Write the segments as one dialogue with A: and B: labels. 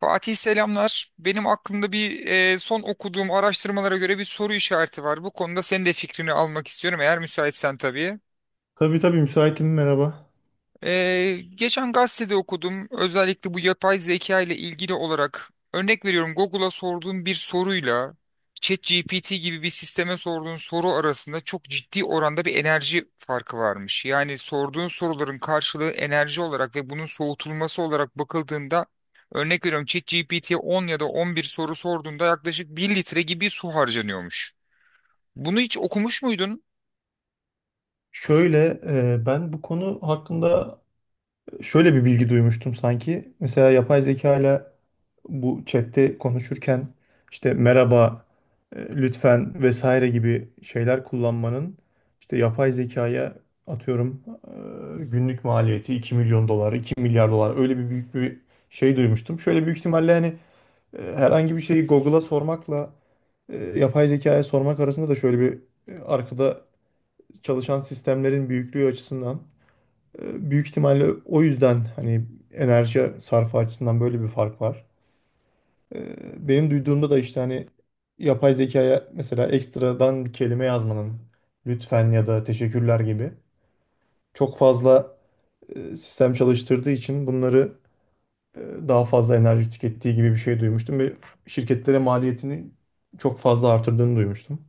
A: Fatih selamlar. Benim aklımda bir son okuduğum araştırmalara göre bir soru işareti var. Bu konuda senin de fikrini almak istiyorum eğer müsaitsen tabii.
B: Tabii tabii müsaitim, merhaba.
A: Geçen gazetede okudum. Özellikle bu yapay zeka ile ilgili olarak örnek veriyorum Google'a sorduğun bir soruyla ChatGPT gibi bir sisteme sorduğun soru arasında çok ciddi oranda bir enerji farkı varmış. Yani sorduğun soruların karşılığı enerji olarak ve bunun soğutulması olarak bakıldığında örnek veriyorum ChatGPT'ye 10 ya da 11 soru sorduğunda yaklaşık bir litre gibi su harcanıyormuş. Bunu hiç okumuş muydun?
B: Şöyle ben bu konu hakkında şöyle bir bilgi duymuştum sanki. Mesela yapay zeka ile bu chatte konuşurken işte merhaba, lütfen vesaire gibi şeyler kullanmanın işte yapay zekaya atıyorum günlük maliyeti 2 milyon dolar, 2 milyar dolar, öyle bir büyük bir şey duymuştum. Şöyle büyük ihtimalle hani herhangi bir şeyi Google'a sormakla yapay zekaya sormak arasında da şöyle bir arkada çalışan sistemlerin büyüklüğü açısından büyük ihtimalle o yüzden hani enerji sarfı açısından böyle bir fark var. E, Benim duyduğumda da işte hani yapay zekaya mesela ekstradan bir kelime yazmanın, lütfen ya da teşekkürler gibi, çok fazla sistem çalıştırdığı için bunları e, daha fazla enerji tükettiği gibi bir şey duymuştum ve şirketlere maliyetini çok fazla artırdığını duymuştum.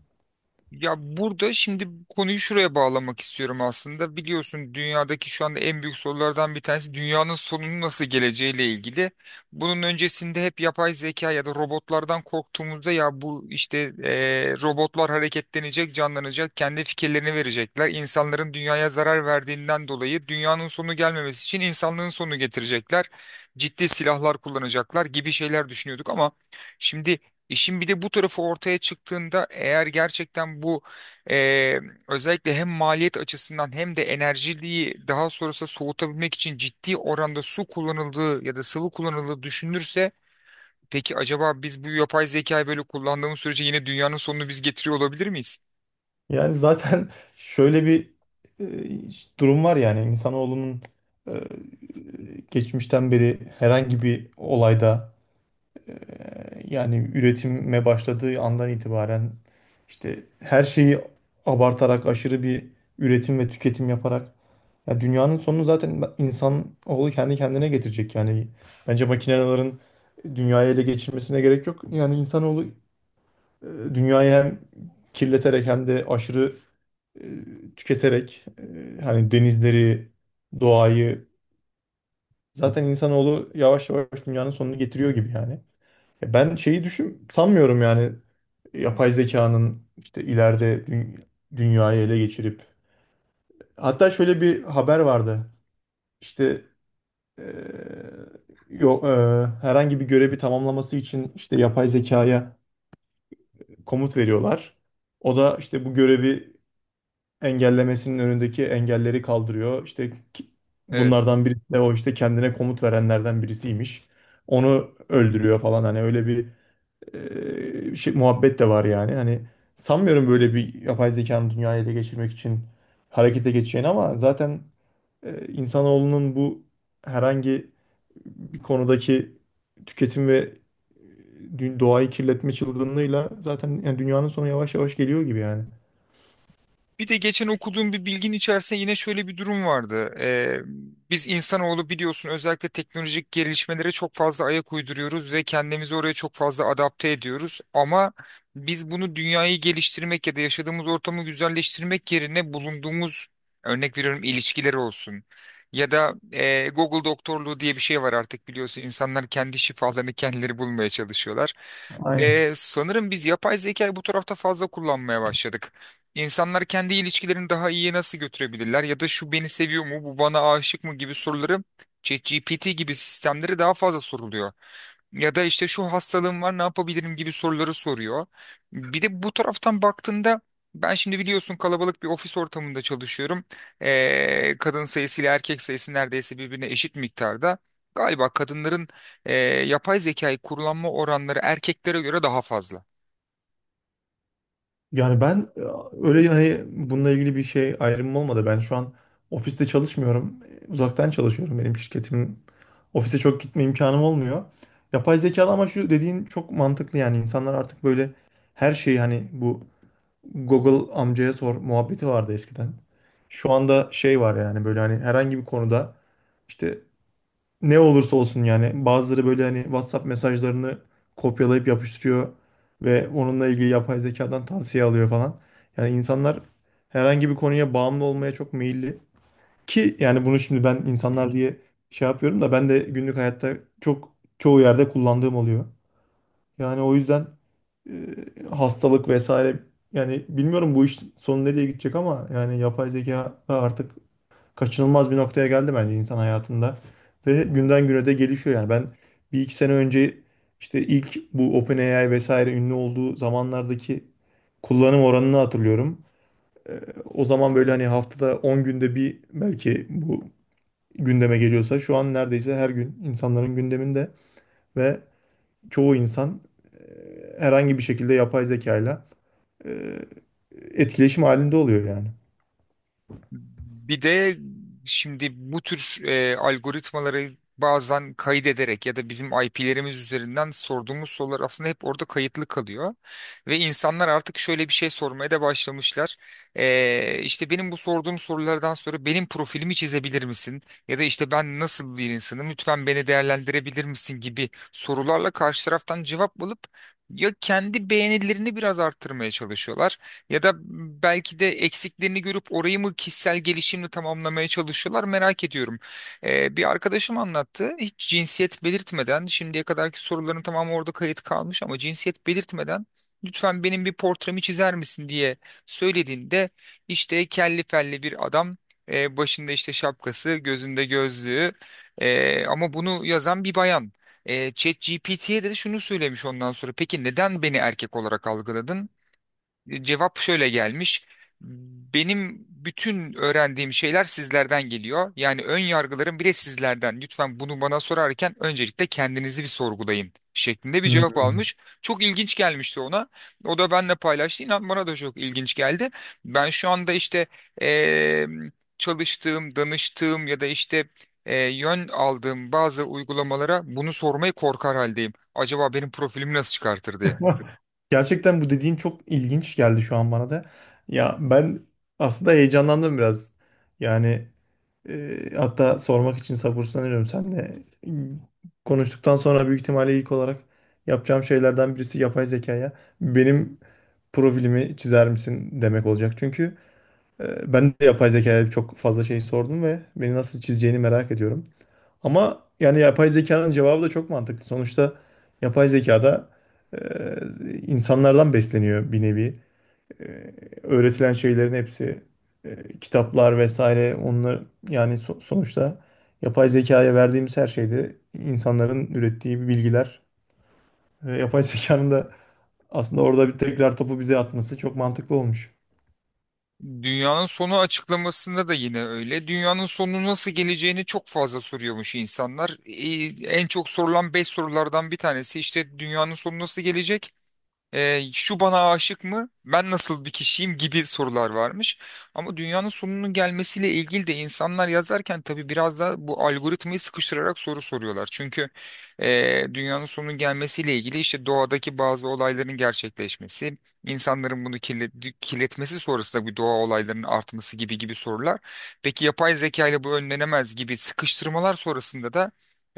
A: Ya burada şimdi konuyu şuraya bağlamak istiyorum aslında. Biliyorsun dünyadaki şu anda en büyük sorulardan bir tanesi dünyanın sonunun nasıl geleceğiyle ilgili. Bunun öncesinde hep yapay zeka ya da robotlardan korktuğumuzda ya bu işte robotlar hareketlenecek, canlanacak, kendi fikirlerini verecekler. İnsanların dünyaya zarar verdiğinden dolayı dünyanın sonu gelmemesi için insanlığın sonu getirecekler. Ciddi silahlar kullanacaklar gibi şeyler düşünüyorduk ama şimdi İşin bir de bu tarafı ortaya çıktığında eğer gerçekten bu eee, özellikle hem maliyet açısından hem de enerjiliği daha sonrası soğutabilmek için ciddi oranda su kullanıldığı ya da sıvı kullanıldığı düşünülürse peki acaba biz bu yapay zekayı böyle kullandığımız sürece yine dünyanın sonunu biz getiriyor olabilir miyiz?
B: Yani zaten şöyle bir e, durum var, yani insanoğlunun e, geçmişten beri herhangi bir olayda, yani üretime başladığı andan itibaren işte her şeyi abartarak, aşırı bir üretim ve tüketim yaparak ya dünyanın sonunu zaten insanoğlu kendi kendine getirecek yani. Bence makinelerin dünyayı ele geçirmesine gerek yok. Yani insanoğlu E, Dünyayı hem kirleterek hem de aşırı tüketerek, hani denizleri, doğayı, zaten insanoğlu yavaş yavaş dünyanın sonunu getiriyor gibi yani. Ya ben şeyi düşün sanmıyorum, yani yapay zekanın işte ileride dünyayı ele geçirip. Hatta şöyle bir haber vardı. İşte yok, herhangi bir görevi tamamlaması için işte yapay zekaya komut veriyorlar. O da işte bu görevi engellemesinin önündeki engelleri kaldırıyor. İşte bunlardan birisi de o işte kendine komut verenlerden birisiymiş. Onu öldürüyor falan, hani öyle bir şey, muhabbet de var yani. Hani sanmıyorum böyle bir yapay zekanın dünyayı ele geçirmek için harekete geçeceğini, ama zaten insanoğlunun bu herhangi bir konudaki tüketim ve doğayı kirletme çılgınlığıyla zaten yani dünyanın sonu yavaş yavaş geliyor gibi yani.
A: Bir de geçen okuduğum bir bilgin içerisinde yine şöyle bir durum vardı. Biz insanoğlu biliyorsun özellikle teknolojik gelişmelere çok fazla ayak uyduruyoruz ve kendimizi oraya çok fazla adapte ediyoruz. Ama biz bunu dünyayı geliştirmek ya da yaşadığımız ortamı güzelleştirmek yerine bulunduğumuz örnek veriyorum ilişkiler olsun. Ya da Google doktorluğu diye bir şey var artık biliyorsun insanlar kendi şifalarını kendileri bulmaya çalışıyorlar.
B: Aynen.
A: Sanırım biz yapay zekayı bu tarafta fazla kullanmaya başladık. İnsanlar kendi ilişkilerini daha iyiye nasıl götürebilirler ya da şu beni seviyor mu, bu bana aşık mı gibi soruları ChatGPT gibi sistemlere daha fazla soruluyor. Ya da işte şu hastalığım var ne yapabilirim gibi soruları soruyor. Bir de bu taraftan baktığında ben şimdi biliyorsun kalabalık bir ofis ortamında çalışıyorum. Kadın sayısı ile erkek sayısı neredeyse birbirine eşit miktarda. Galiba kadınların e, yapay zekayı kullanma oranları erkeklere göre daha fazla.
B: Yani ben öyle hani bununla ilgili bir şey ayrımım olmadı. Ben şu an ofiste çalışmıyorum. Uzaktan çalışıyorum. Benim şirketim, ofise çok gitme imkanım olmuyor. Yapay zekalı, ama şu dediğin çok mantıklı, yani insanlar artık böyle her şeyi hani bu Google amcaya sor muhabbeti vardı eskiden. Şu anda şey var yani, böyle hani herhangi bir konuda işte ne olursa olsun, yani bazıları böyle hani WhatsApp mesajlarını kopyalayıp yapıştırıyor ve onunla ilgili yapay zekadan tavsiye alıyor falan. Yani insanlar herhangi bir konuya bağımlı olmaya çok meyilli. Ki yani bunu şimdi ben insanlar diye şey yapıyorum da, ben de günlük hayatta çok çoğu yerde kullandığım oluyor. Yani o yüzden hastalık vesaire, yani bilmiyorum bu iş sonu nereye gidecek, ama yani yapay zeka da artık kaçınılmaz bir noktaya geldi bence insan hayatında. Ve günden güne de gelişiyor yani. Ben bir iki sene önce işte ilk bu OpenAI vesaire ünlü olduğu zamanlardaki kullanım oranını hatırlıyorum. Ee, o zaman böyle hani haftada 10 günde bir belki bu gündeme geliyorsa, şu an neredeyse her gün insanların gündeminde ve çoğu insan herhangi bir şekilde yapay zekayla e, etkileşim halinde oluyor yani.
A: Bir de şimdi bu tür algoritmaları bazen kaydederek ya da bizim IP'lerimiz üzerinden sorduğumuz sorular aslında hep orada kayıtlı kalıyor. Ve insanlar artık şöyle bir şey sormaya da başlamışlar. E, işte benim bu sorduğum sorulardan sonra benim profilimi çizebilir misin? Ya da işte ben nasıl bir insanım? Lütfen beni değerlendirebilir misin gibi sorularla karşı taraftan cevap alıp ya kendi beğenilerini biraz arttırmaya çalışıyorlar ya da belki de eksiklerini görüp orayı mı kişisel gelişimle tamamlamaya çalışıyorlar merak ediyorum. Bir arkadaşım anlattı. Hiç cinsiyet belirtmeden şimdiye kadarki soruların tamamı orada kayıt kalmış ama cinsiyet belirtmeden lütfen benim bir portremi çizer misin diye söylediğinde işte kelli felli bir adam, başında işte şapkası gözünde gözlüğü, ama bunu yazan bir bayan. ChatGPT'ye de şunu söylemiş ondan sonra. Peki neden beni erkek olarak algıladın? Cevap şöyle gelmiş. Benim bütün öğrendiğim şeyler sizlerden geliyor. Yani ön yargılarım bile sizlerden. Lütfen bunu bana sorarken öncelikle kendinizi bir sorgulayın şeklinde bir cevap
B: Hmm.
A: almış. Çok ilginç gelmişti ona. O da benimle paylaştı. İnan bana da çok ilginç geldi. Ben şu anda işte eee, çalıştığım, danıştığım ya da işte yön aldığım bazı uygulamalara bunu sormayı korkar haldeyim. Acaba benim profilimi nasıl çıkartır diye.
B: Gerçekten bu dediğin çok ilginç geldi şu an bana da. Ya ben aslında heyecanlandım biraz. Yani hatta sormak için sabırsızlanıyorum. Sen de konuştuktan sonra büyük ihtimalle ilk olarak yapacağım şeylerden birisi yapay zekaya benim profilimi çizer misin demek olacak. Çünkü ben de yapay zekaya çok fazla şey sordum ve beni nasıl çizeceğini merak ediyorum. Ama yani yapay zekanın cevabı da çok mantıklı. Sonuçta yapay zekada e, insanlardan besleniyor bir nevi. E, öğretilen şeylerin hepsi kitaplar vesaire onlar, yani sonuçta yapay zekaya verdiğimiz her şeyde insanların ürettiği bilgiler ve yapay zekanın da aslında orada bir tekrar topu bize atması çok mantıklı olmuş.
A: Dünyanın sonu açıklamasında da yine öyle. Dünyanın sonu nasıl geleceğini çok fazla soruyormuş insanlar. En çok sorulan 5 sorulardan bir tanesi işte dünyanın sonu nasıl gelecek? Şu bana aşık mı? Ben nasıl bir kişiyim gibi sorular varmış. Ama dünyanın sonunun gelmesiyle ilgili de insanlar yazarken tabii biraz da bu algoritmayı sıkıştırarak soru soruyorlar. Çünkü dünyanın sonunun gelmesiyle ilgili işte doğadaki bazı olayların gerçekleşmesi, insanların bunu kirletmesi sonrasında bu doğa olaylarının artması gibi gibi sorular. Peki yapay zeka ile bu önlenemez gibi sıkıştırmalar sonrasında da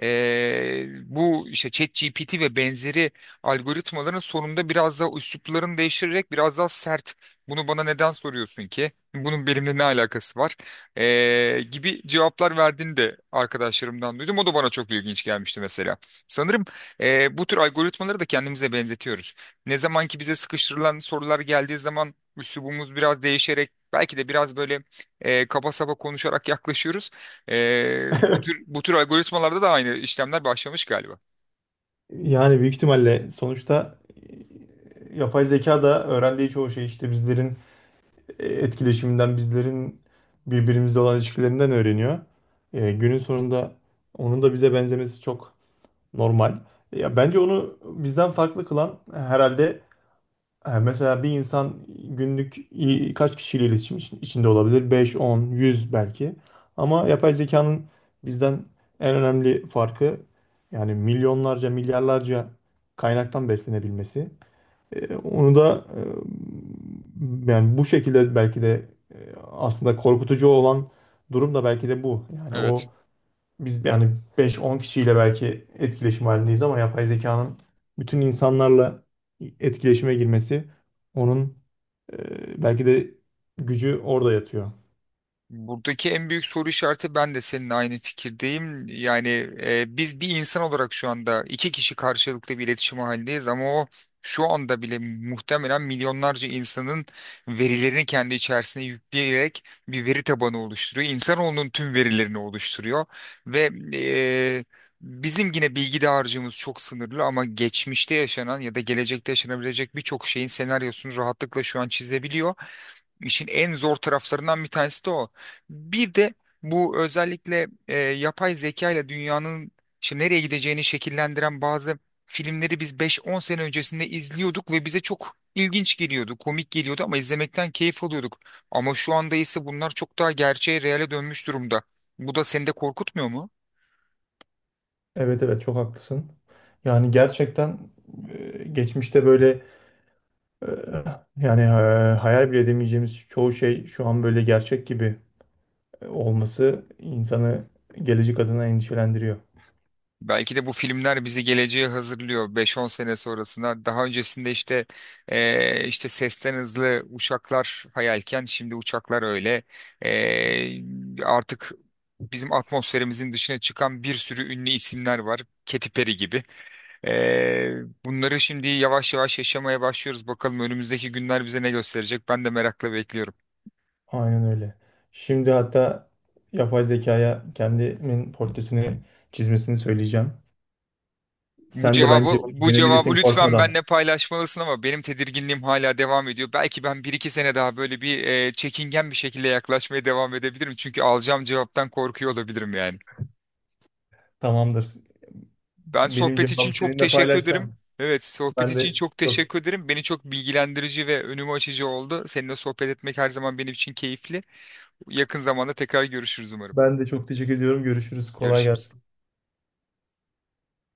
A: bu işte ChatGPT ve benzeri algoritmaların sonunda biraz daha üsluplarını değiştirerek biraz daha sert. Bunu bana neden soruyorsun ki? Bunun benimle ne alakası var? Gibi cevaplar verdiğini de arkadaşlarımdan duydum. O da bana çok ilginç gelmişti mesela. Sanırım bu tür algoritmaları da kendimize benzetiyoruz. Ne zaman ki bize sıkıştırılan sorular geldiği zaman üslubumuz biraz değişerek belki de biraz böyle kaba saba konuşarak yaklaşıyoruz. Ee, bu tür bu tür algoritmalarda da aynı işlemler başlamış galiba.
B: Yani büyük ihtimalle sonuçta yapay zeka da öğrendiği çoğu şey işte bizlerin etkileşiminden, bizlerin birbirimizle olan ilişkilerinden öğreniyor. Günün sonunda onun da bize benzemesi çok normal. Ya bence onu bizden farklı kılan herhalde, mesela bir insan günlük kaç kişiyle iletişim içinde olabilir? Beş 10 100 belki. Ama yapay zekanın bizden en önemli farkı yani milyonlarca, milyarlarca kaynaktan beslenebilmesi. Onu da yani bu şekilde belki de aslında korkutucu olan durum da belki de bu. Yani
A: Evet.
B: o, biz yani beş on kişiyle belki etkileşim halindeyiz, ama yapay zekanın bütün insanlarla etkileşime girmesi, onun belki de gücü orada yatıyor.
A: Buradaki en büyük soru işareti ben de seninle aynı fikirdeyim. Yani biz bir insan olarak şu anda iki kişi karşılıklı bir iletişim halindeyiz ama o şu anda bile muhtemelen milyonlarca insanın verilerini kendi içerisine yükleyerek bir veri tabanı oluşturuyor. İnsanoğlunun tüm verilerini oluşturuyor ve bizim yine bilgi dağarcığımız çok sınırlı ama geçmişte yaşanan ya da gelecekte yaşanabilecek birçok şeyin senaryosunu rahatlıkla şu an çizebiliyor. İşin en zor taraflarından bir tanesi de o. Bir de bu özellikle yapay zeka ile dünyanın işte nereye gideceğini şekillendiren bazı filmleri biz beş on sene öncesinde izliyorduk ve bize çok ilginç geliyordu, komik geliyordu ama izlemekten keyif alıyorduk. Ama şu anda ise bunlar çok daha gerçeğe, reale dönmüş durumda. Bu da seni de korkutmuyor mu?
B: Evet evet, çok haklısın. Yani gerçekten geçmişte böyle, e, yani, hayal bile edemeyeceğimiz çoğu şey şu an böyle gerçek gibi olması insanı gelecek adına endişelendiriyor.
A: Belki de bu filmler bizi geleceğe hazırlıyor beş on sene sonrasına. Daha öncesinde işte işte sesten hızlı uçaklar hayalken şimdi uçaklar öyle. Eee, artık bizim atmosferimizin dışına çıkan bir sürü ünlü isimler var. Katy Perry gibi. Bunları şimdi yavaş yavaş yaşamaya başlıyoruz. Bakalım önümüzdeki günler bize ne gösterecek? Ben de merakla bekliyorum.
B: Aynen öyle. Şimdi hatta yapay zekaya kendimin portresini çizmesini söyleyeceğim.
A: Bu
B: Sen de
A: cevabı
B: bence bunu
A: bu cevabı
B: denebilirsin
A: lütfen benle
B: korkmadan.
A: paylaşmalısın ama benim tedirginliğim hala devam ediyor. Belki ben bir iki sene daha böyle bir çekingen bir şekilde yaklaşmaya devam edebilirim. Çünkü alacağım cevaptan korkuyor olabilirim yani.
B: Tamamdır.
A: Ben
B: Benim
A: sohbet için
B: cevabımı
A: çok
B: seninle
A: teşekkür ederim.
B: paylaşacağım.
A: Evet, sohbet
B: Ben
A: için
B: de
A: çok
B: çok
A: teşekkür ederim. Beni çok bilgilendirici ve önümü açıcı oldu. Seninle sohbet etmek her zaman benim için keyifli. Yakın zamanda tekrar görüşürüz umarım.
B: ben de çok teşekkür ediyorum. Görüşürüz. Kolay
A: Görüşürüz.
B: gelsin.